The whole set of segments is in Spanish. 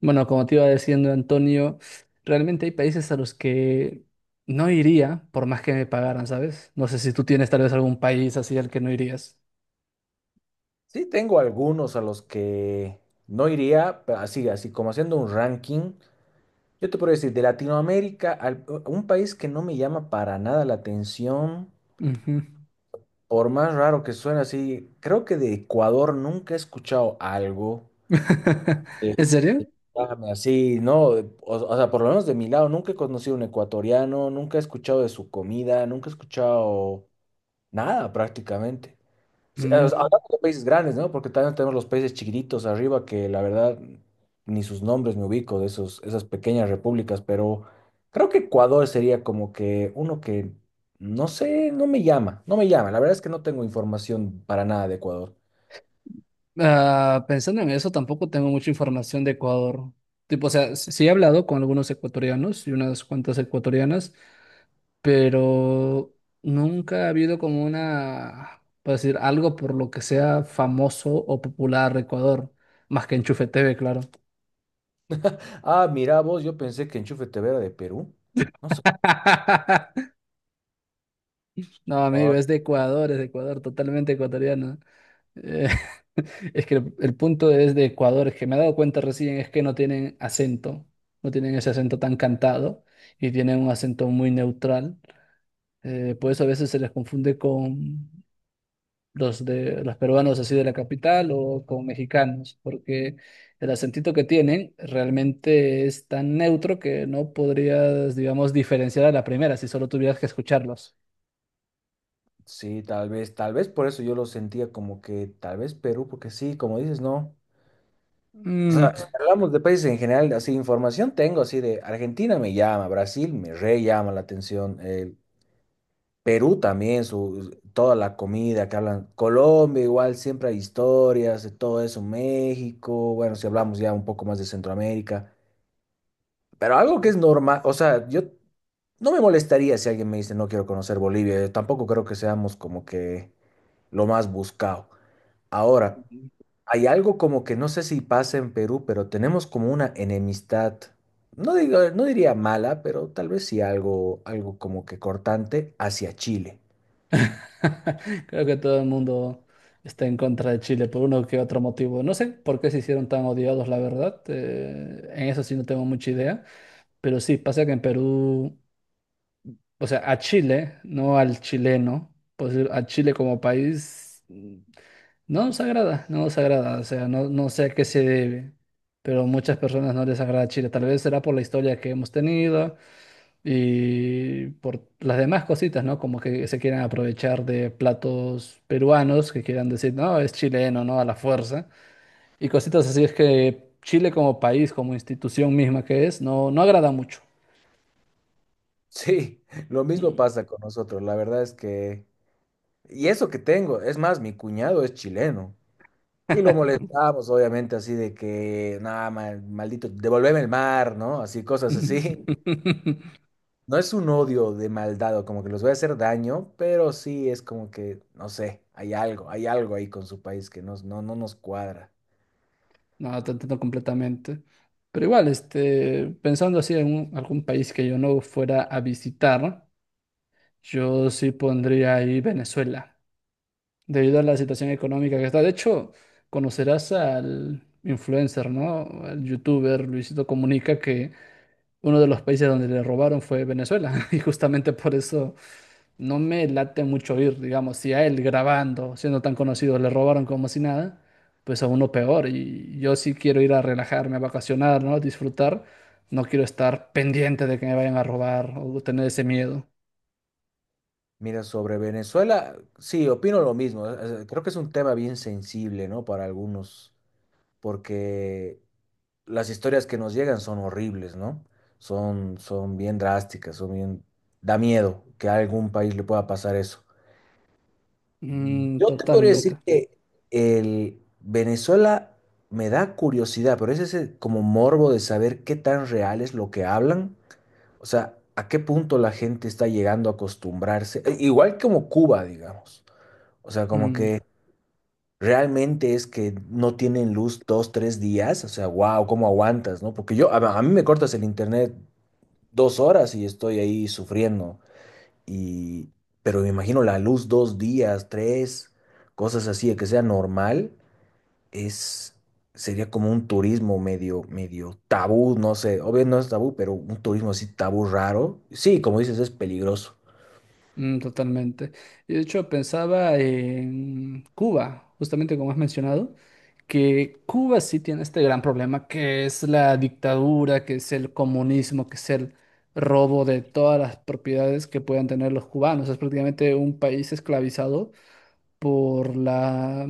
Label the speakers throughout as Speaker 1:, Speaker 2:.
Speaker 1: Bueno, como te iba diciendo, Antonio, realmente hay países a los que no iría por más que me pagaran, ¿sabes? No sé si tú tienes tal vez algún país así al que no irías.
Speaker 2: Sí, tengo algunos a los que no iría, pero así como haciendo un ranking. Yo te puedo decir, de Latinoamérica, un país que no me llama para nada la atención,
Speaker 1: Ujú.
Speaker 2: por más raro que suene así, creo que de Ecuador nunca he escuchado algo que
Speaker 1: ¿En serio?
Speaker 2: que llame así, ¿no? O sea, por lo menos de mi lado, nunca he conocido un ecuatoriano, nunca he escuchado de su comida, nunca he escuchado nada prácticamente. Sí, o sea,
Speaker 1: Mm.
Speaker 2: hablando de países grandes, ¿no? Porque también tenemos los países chiquititos arriba que la verdad ni sus nombres me ubico de esas pequeñas repúblicas, pero creo que Ecuador sería como que uno que, no sé, no me llama. La verdad es que no tengo información para nada de Ecuador.
Speaker 1: Ah, pensando en eso, tampoco tengo mucha información de Ecuador. Tipo, o sea, sí he hablado con algunos ecuatorianos y unas cuantas ecuatorianas, pero nunca ha habido como una, por decir, algo por lo que sea famoso o popular Ecuador, más que Enchufe TV, claro.
Speaker 2: Ah, mira vos, yo pensé que Enchufe TV era de Perú. No sé.
Speaker 1: No, amigo,
Speaker 2: Ah,
Speaker 1: es de Ecuador, totalmente ecuatoriano. Eh, es que el punto es de Ecuador, es que me he dado cuenta recién, es que no tienen acento, no tienen ese acento tan cantado y tienen un acento muy neutral. Por eso a veces se les confunde con los de los peruanos así de la capital o con mexicanos, porque el acentito que tienen realmente es tan neutro que no podrías, digamos, diferenciar a la primera si solo tuvieras que escucharlos.
Speaker 2: sí, tal vez por eso yo lo sentía como que tal vez Perú, porque sí, como dices, no. O
Speaker 1: Mm.
Speaker 2: sea, si hablamos de países en general, así información tengo, así de Argentina me llama, Brasil me re llama la atención, Perú también, toda la comida que hablan, Colombia igual, siempre hay historias de todo eso, México, bueno, si hablamos ya un poco más de Centroamérica, pero algo que es normal, o sea, yo no me molestaría si alguien me dice no quiero conocer Bolivia, yo tampoco creo que seamos como que lo más buscado. Ahora, hay algo como que no sé si pasa en Perú, pero tenemos como una enemistad, no diría mala, pero tal vez sí algo, algo como que cortante hacia Chile.
Speaker 1: Creo que todo el mundo está en contra de Chile por uno que otro motivo. No sé por qué se hicieron tan odiados, la verdad. En eso sí no tengo mucha idea. Pero sí, pasa que en Perú, o sea, a Chile, no al chileno, pues a Chile como país. No nos agrada, no nos agrada, o sea, no, no sé a qué se debe, pero muchas personas no les agrada Chile. Tal vez será por la historia que hemos tenido y por las demás cositas, ¿no? Como que se quieran aprovechar de platos peruanos, que quieran decir, no, es chileno, ¿no? A la fuerza. Y cositas así es que Chile como país, como institución misma que es, no, no agrada mucho.
Speaker 2: Sí, lo mismo
Speaker 1: Mm,
Speaker 2: pasa con nosotros. La verdad es que, y eso que tengo, es más, mi cuñado es chileno. Y lo molestamos, obviamente, así de que, nada, maldito, devolveme el mar, ¿no? Así, cosas así. No es un odio de maldad o como que les voy a hacer daño, pero sí es como que, no sé, hay algo ahí con su país que no, no nos cuadra.
Speaker 1: no, te entiendo completamente. Pero igual, este, pensando así en algún país que yo no fuera a visitar, yo sí pondría ahí Venezuela, debido a la situación económica que está. De hecho, conocerás al influencer, ¿no? Al youtuber Luisito Comunica, que uno de los países donde le robaron fue Venezuela. Y justamente por eso no me late mucho ir, digamos, si a él grabando, siendo tan conocido, le robaron como si nada, pues a uno peor. Y yo sí quiero ir a relajarme, a vacacionar, ¿no? Disfrutar. No quiero estar pendiente de que me vayan a robar o tener ese miedo.
Speaker 2: Mira, sobre Venezuela, sí, opino lo mismo. Creo que es un tema bien sensible, ¿no? Para algunos, porque las historias que nos llegan son horribles, ¿no? Son bien drásticas, son bien... Da miedo que a algún país le pueda pasar eso.
Speaker 1: Mm,
Speaker 2: Yo te podría decir
Speaker 1: totalmente.
Speaker 2: que el Venezuela me da curiosidad, pero es ese como morbo de saber qué tan real es lo que hablan, o sea, a qué punto la gente está llegando a acostumbrarse, igual como Cuba, digamos, o sea, como
Speaker 1: Mm,
Speaker 2: que realmente es que no tienen luz dos, tres días, o sea, wow, ¿cómo aguantas, no? Porque yo, a mí me cortas el internet dos horas y estoy ahí sufriendo. Y, pero me imagino la luz dos días, tres, cosas así, de que sea normal, es, sería como un turismo medio tabú, no sé, obvio no es tabú, pero un turismo así tabú raro. Sí, como dices, es peligroso.
Speaker 1: mm, totalmente. Y de hecho, pensaba en Cuba, justamente como has mencionado, que Cuba sí tiene este gran problema que es la dictadura, que es el comunismo, que es el robo de todas las propiedades que puedan tener los cubanos. Es prácticamente un país esclavizado por la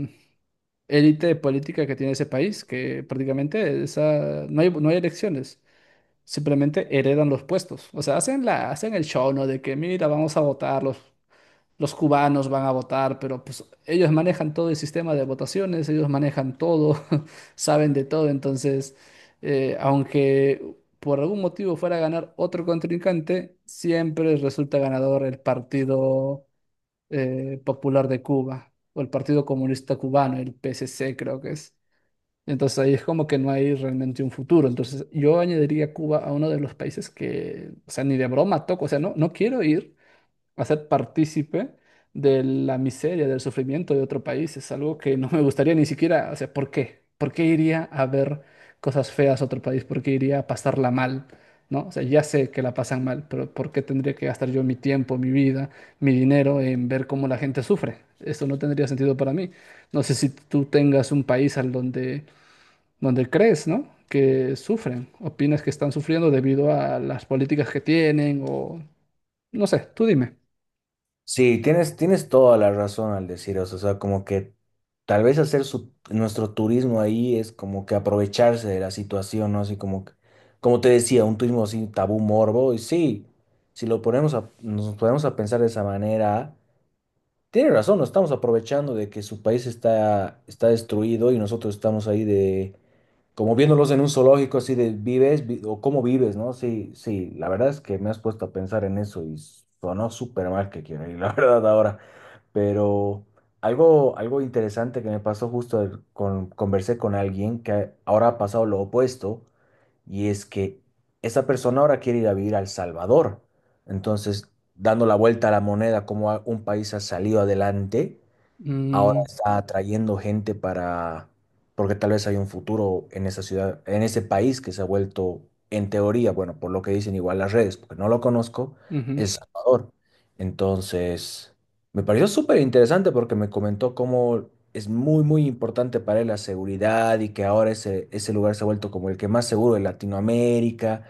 Speaker 1: élite política que tiene ese país, que prácticamente esa, no hay elecciones, simplemente heredan los puestos. O sea, hacen el show, ¿no? De que, mira, vamos a votarlos. Los cubanos van a votar, pero pues ellos manejan todo el sistema de votaciones, ellos manejan todo, saben de todo, entonces, aunque por algún motivo fuera a ganar otro contrincante, siempre resulta ganador el Partido Popular de Cuba o el Partido Comunista Cubano, el PSC creo que es. Entonces ahí es como que no hay realmente un futuro. Entonces yo añadiría Cuba a uno de los países que, o sea, ni de broma toco, o sea, no, no quiero ir hacer partícipe de la miseria, del sufrimiento de otro país. Es algo que no me gustaría ni siquiera, o sea, ¿por qué? ¿Por qué iría a ver cosas feas a otro país? ¿Por qué iría a pasarla mal? ¿No? O sea, ya sé que la pasan mal, pero ¿por qué tendría que gastar yo mi tiempo, mi vida, mi dinero en ver cómo la gente sufre? Esto no tendría sentido para mí. No sé si tú tengas un país donde crees, ¿no?, que sufren, opinas que están sufriendo debido a las políticas que tienen o no sé, tú dime.
Speaker 2: Sí, tienes toda la razón al decir eso, o sea, como que tal vez hacer nuestro turismo ahí es como que aprovecharse de la situación, ¿no? Así como, como te decía, un turismo así tabú morbo, y sí, si lo ponemos a, nos ponemos a pensar de esa manera, tiene razón, nos estamos aprovechando de que su país está destruido y nosotros estamos ahí de, como viéndolos en un zoológico, así de vives o cómo vives, ¿no? Sí, sí, la verdad es que me has puesto a pensar en eso y sonó súper mal que quiero ir, la verdad, ahora. Pero algo interesante que me pasó justo conversé con alguien que ahora ha pasado lo opuesto y es que esa persona ahora quiere ir a vivir a El Salvador. Entonces, dando la vuelta a la moneda, como un país ha salido adelante ahora
Speaker 1: Mm,
Speaker 2: está atrayendo gente para, porque tal vez hay un futuro en esa ciudad, en ese país que se ha vuelto, en teoría, bueno, por lo que dicen igual las redes, porque no lo conozco,
Speaker 1: ujú,
Speaker 2: El Salvador. Entonces, me pareció súper interesante porque me comentó cómo es muy importante para él la seguridad y que ahora ese lugar se ha vuelto como el que más seguro de Latinoamérica.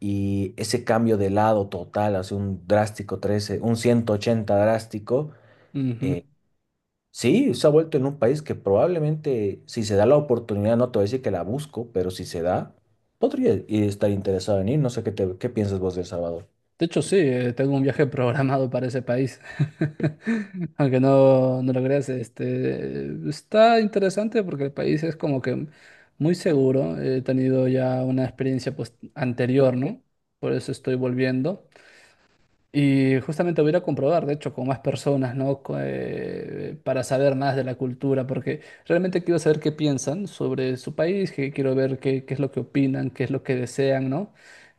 Speaker 2: Y ese cambio de lado total, hace un drástico 13, un 180 drástico,
Speaker 1: ujú.
Speaker 2: eh, sí, se ha vuelto en un país que probablemente, si se da la oportunidad, no te voy a decir que la busco, pero si se da, estar interesado en ir. No sé qué piensas vos de El Salvador.
Speaker 1: De hecho, sí, tengo un viaje programado para ese país. Aunque no, no lo creas, este, está interesante porque el país es como que muy seguro. He tenido ya una experiencia, pues, anterior, ¿no? Por eso estoy volviendo. Y justamente voy a ir a comprobar, de hecho, con más personas, ¿no? Para saber más de la cultura, porque realmente quiero saber qué piensan sobre su país, que quiero ver qué es lo que opinan, qué es lo que desean, ¿no?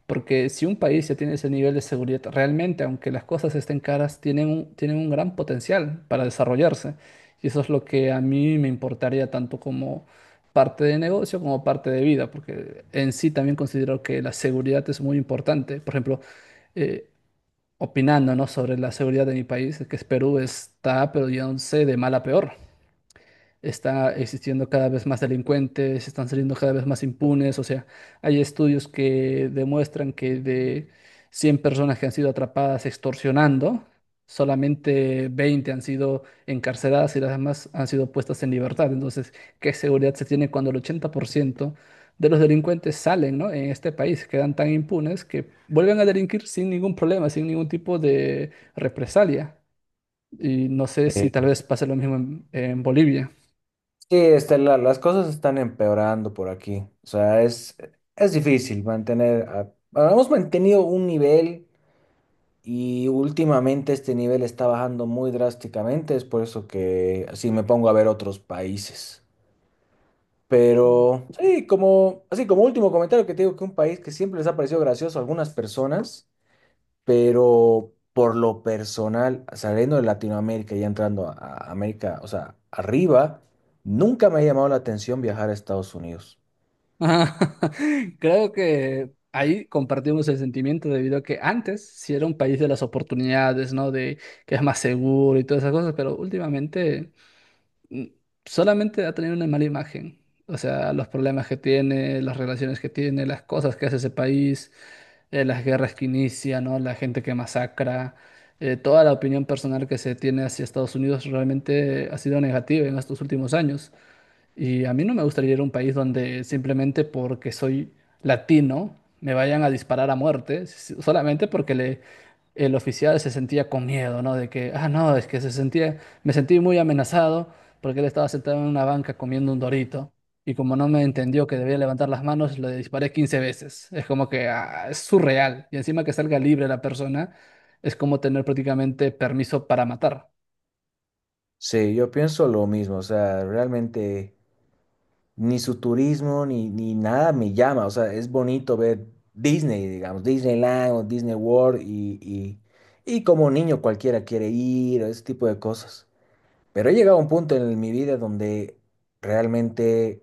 Speaker 1: Porque si un país ya tiene ese nivel de seguridad, realmente, aunque las cosas estén caras, tienen un gran potencial para desarrollarse. Y eso es lo que a mí me importaría tanto como parte de negocio como parte de vida, porque en sí también considero que la seguridad es muy importante. Por ejemplo, eh, opinando, ¿no?, sobre la seguridad de mi país, que es Perú, está, pero ya no sé, de mal a peor, está existiendo cada vez más delincuentes, están saliendo cada vez más impunes, o sea, hay estudios que demuestran que de 100 personas que han sido atrapadas extorsionando, solamente 20 han sido encarceladas y las demás han sido puestas en libertad. Entonces, ¿qué seguridad se tiene cuando el 80% de los delincuentes salen? ¿No? En este país quedan tan impunes que vuelven a delinquir sin ningún problema, sin ningún tipo de represalia. Y no sé si tal
Speaker 2: Eh,
Speaker 1: vez pase lo mismo en Bolivia.
Speaker 2: Sí, este, las cosas están empeorando por aquí. O sea, es difícil mantener. Bueno, hemos mantenido un nivel y últimamente este nivel está bajando muy drásticamente. Es por eso que así me pongo a ver otros países. Pero sí, como, así como último comentario que te digo que un país que siempre les ha parecido gracioso a algunas personas, pero por lo personal, saliendo de Latinoamérica y entrando a América, o sea, arriba, nunca me ha llamado la atención viajar a Estados Unidos.
Speaker 1: Ajá. Creo que ahí compartimos el sentimiento debido a que antes sí era un país de las oportunidades, ¿no? De que es más seguro y todas esas cosas, pero últimamente mm, solamente ha tenido una mala imagen. O sea, los problemas que tiene, las relaciones que tiene, las cosas que hace ese país, las guerras que inicia, ¿no? La gente que masacra, toda la opinión personal que se tiene hacia Estados Unidos realmente ha sido negativa en estos últimos años. Y a mí no me gustaría ir a un país donde simplemente porque soy latino me vayan a disparar a muerte, solamente porque el oficial se sentía con miedo, ¿no? De que, ah, no, es que se sentía, me sentí muy amenazado porque él estaba sentado en una banca comiendo un dorito. Y como no me entendió que debía levantar las manos, le disparé 15 veces. Es como que ah, es surreal. Y encima que salga libre la persona, es como tener prácticamente permiso para matar.
Speaker 2: Sí, yo pienso lo mismo, o sea, realmente ni su turismo ni nada me llama, o sea, es bonito ver Disney, digamos, Disneyland o Disney World y como niño cualquiera quiere ir, ese tipo de cosas. Pero he llegado a un punto en mi vida donde realmente,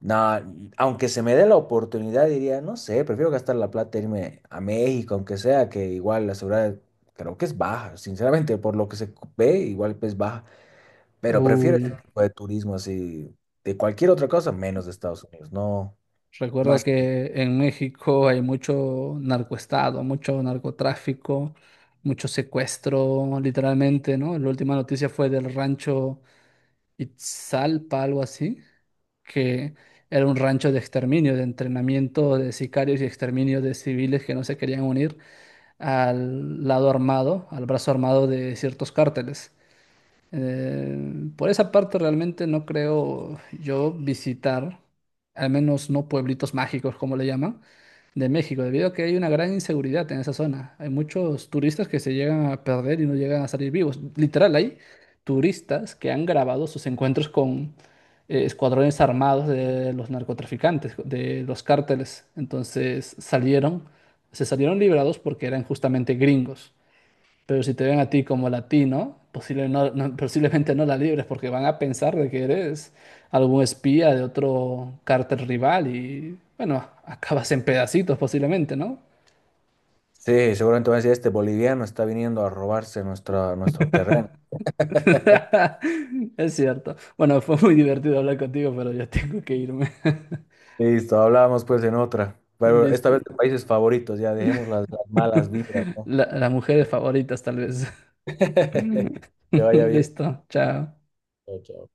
Speaker 2: na- aunque se me dé la oportunidad, diría, no sé, prefiero gastar la plata e irme a México, aunque sea que igual la seguridad creo que es baja, sinceramente, por lo que se ve, igual es baja, pero prefiero
Speaker 1: Uy.
Speaker 2: ese tipo de turismo así, de cualquier otra cosa, menos de Estados Unidos, no, no
Speaker 1: Recuerda
Speaker 2: sé.
Speaker 1: que en México hay mucho narcoestado, mucho narcotráfico, mucho secuestro, literalmente, ¿no? La última noticia fue del rancho Itzalpa, algo así, que era un rancho de exterminio, de entrenamiento de sicarios y exterminio de civiles que no se querían unir al brazo armado de ciertos cárteles. Eh, por esa parte realmente no creo yo visitar, al menos no pueblitos mágicos, como le llaman, de México, debido a que hay una gran inseguridad en esa zona. Hay muchos turistas que se llegan a perder y no llegan a salir vivos. Literal, hay turistas que han grabado sus encuentros con escuadrones armados de los narcotraficantes, de los cárteles. Se salieron liberados porque eran justamente gringos. Pero si te ven a ti como latino, posiblemente no la libres porque van a pensar de que eres algún espía de otro cártel rival y, bueno, acabas en pedacitos posiblemente, ¿no?
Speaker 2: Sí, seguramente van a decir, este boliviano está viniendo a robarse nuestro terreno.
Speaker 1: Es cierto. Bueno, fue muy divertido hablar contigo, pero ya tengo que irme.
Speaker 2: Listo, hablábamos pues en otra. Pero esta
Speaker 1: Listo.
Speaker 2: vez de países favoritos, ya dejemos las malas vibras, ¿no?
Speaker 1: Las mujeres favoritas, tal vez.
Speaker 2: Que vaya bien.
Speaker 1: Listo. Chao.
Speaker 2: Chao, chao.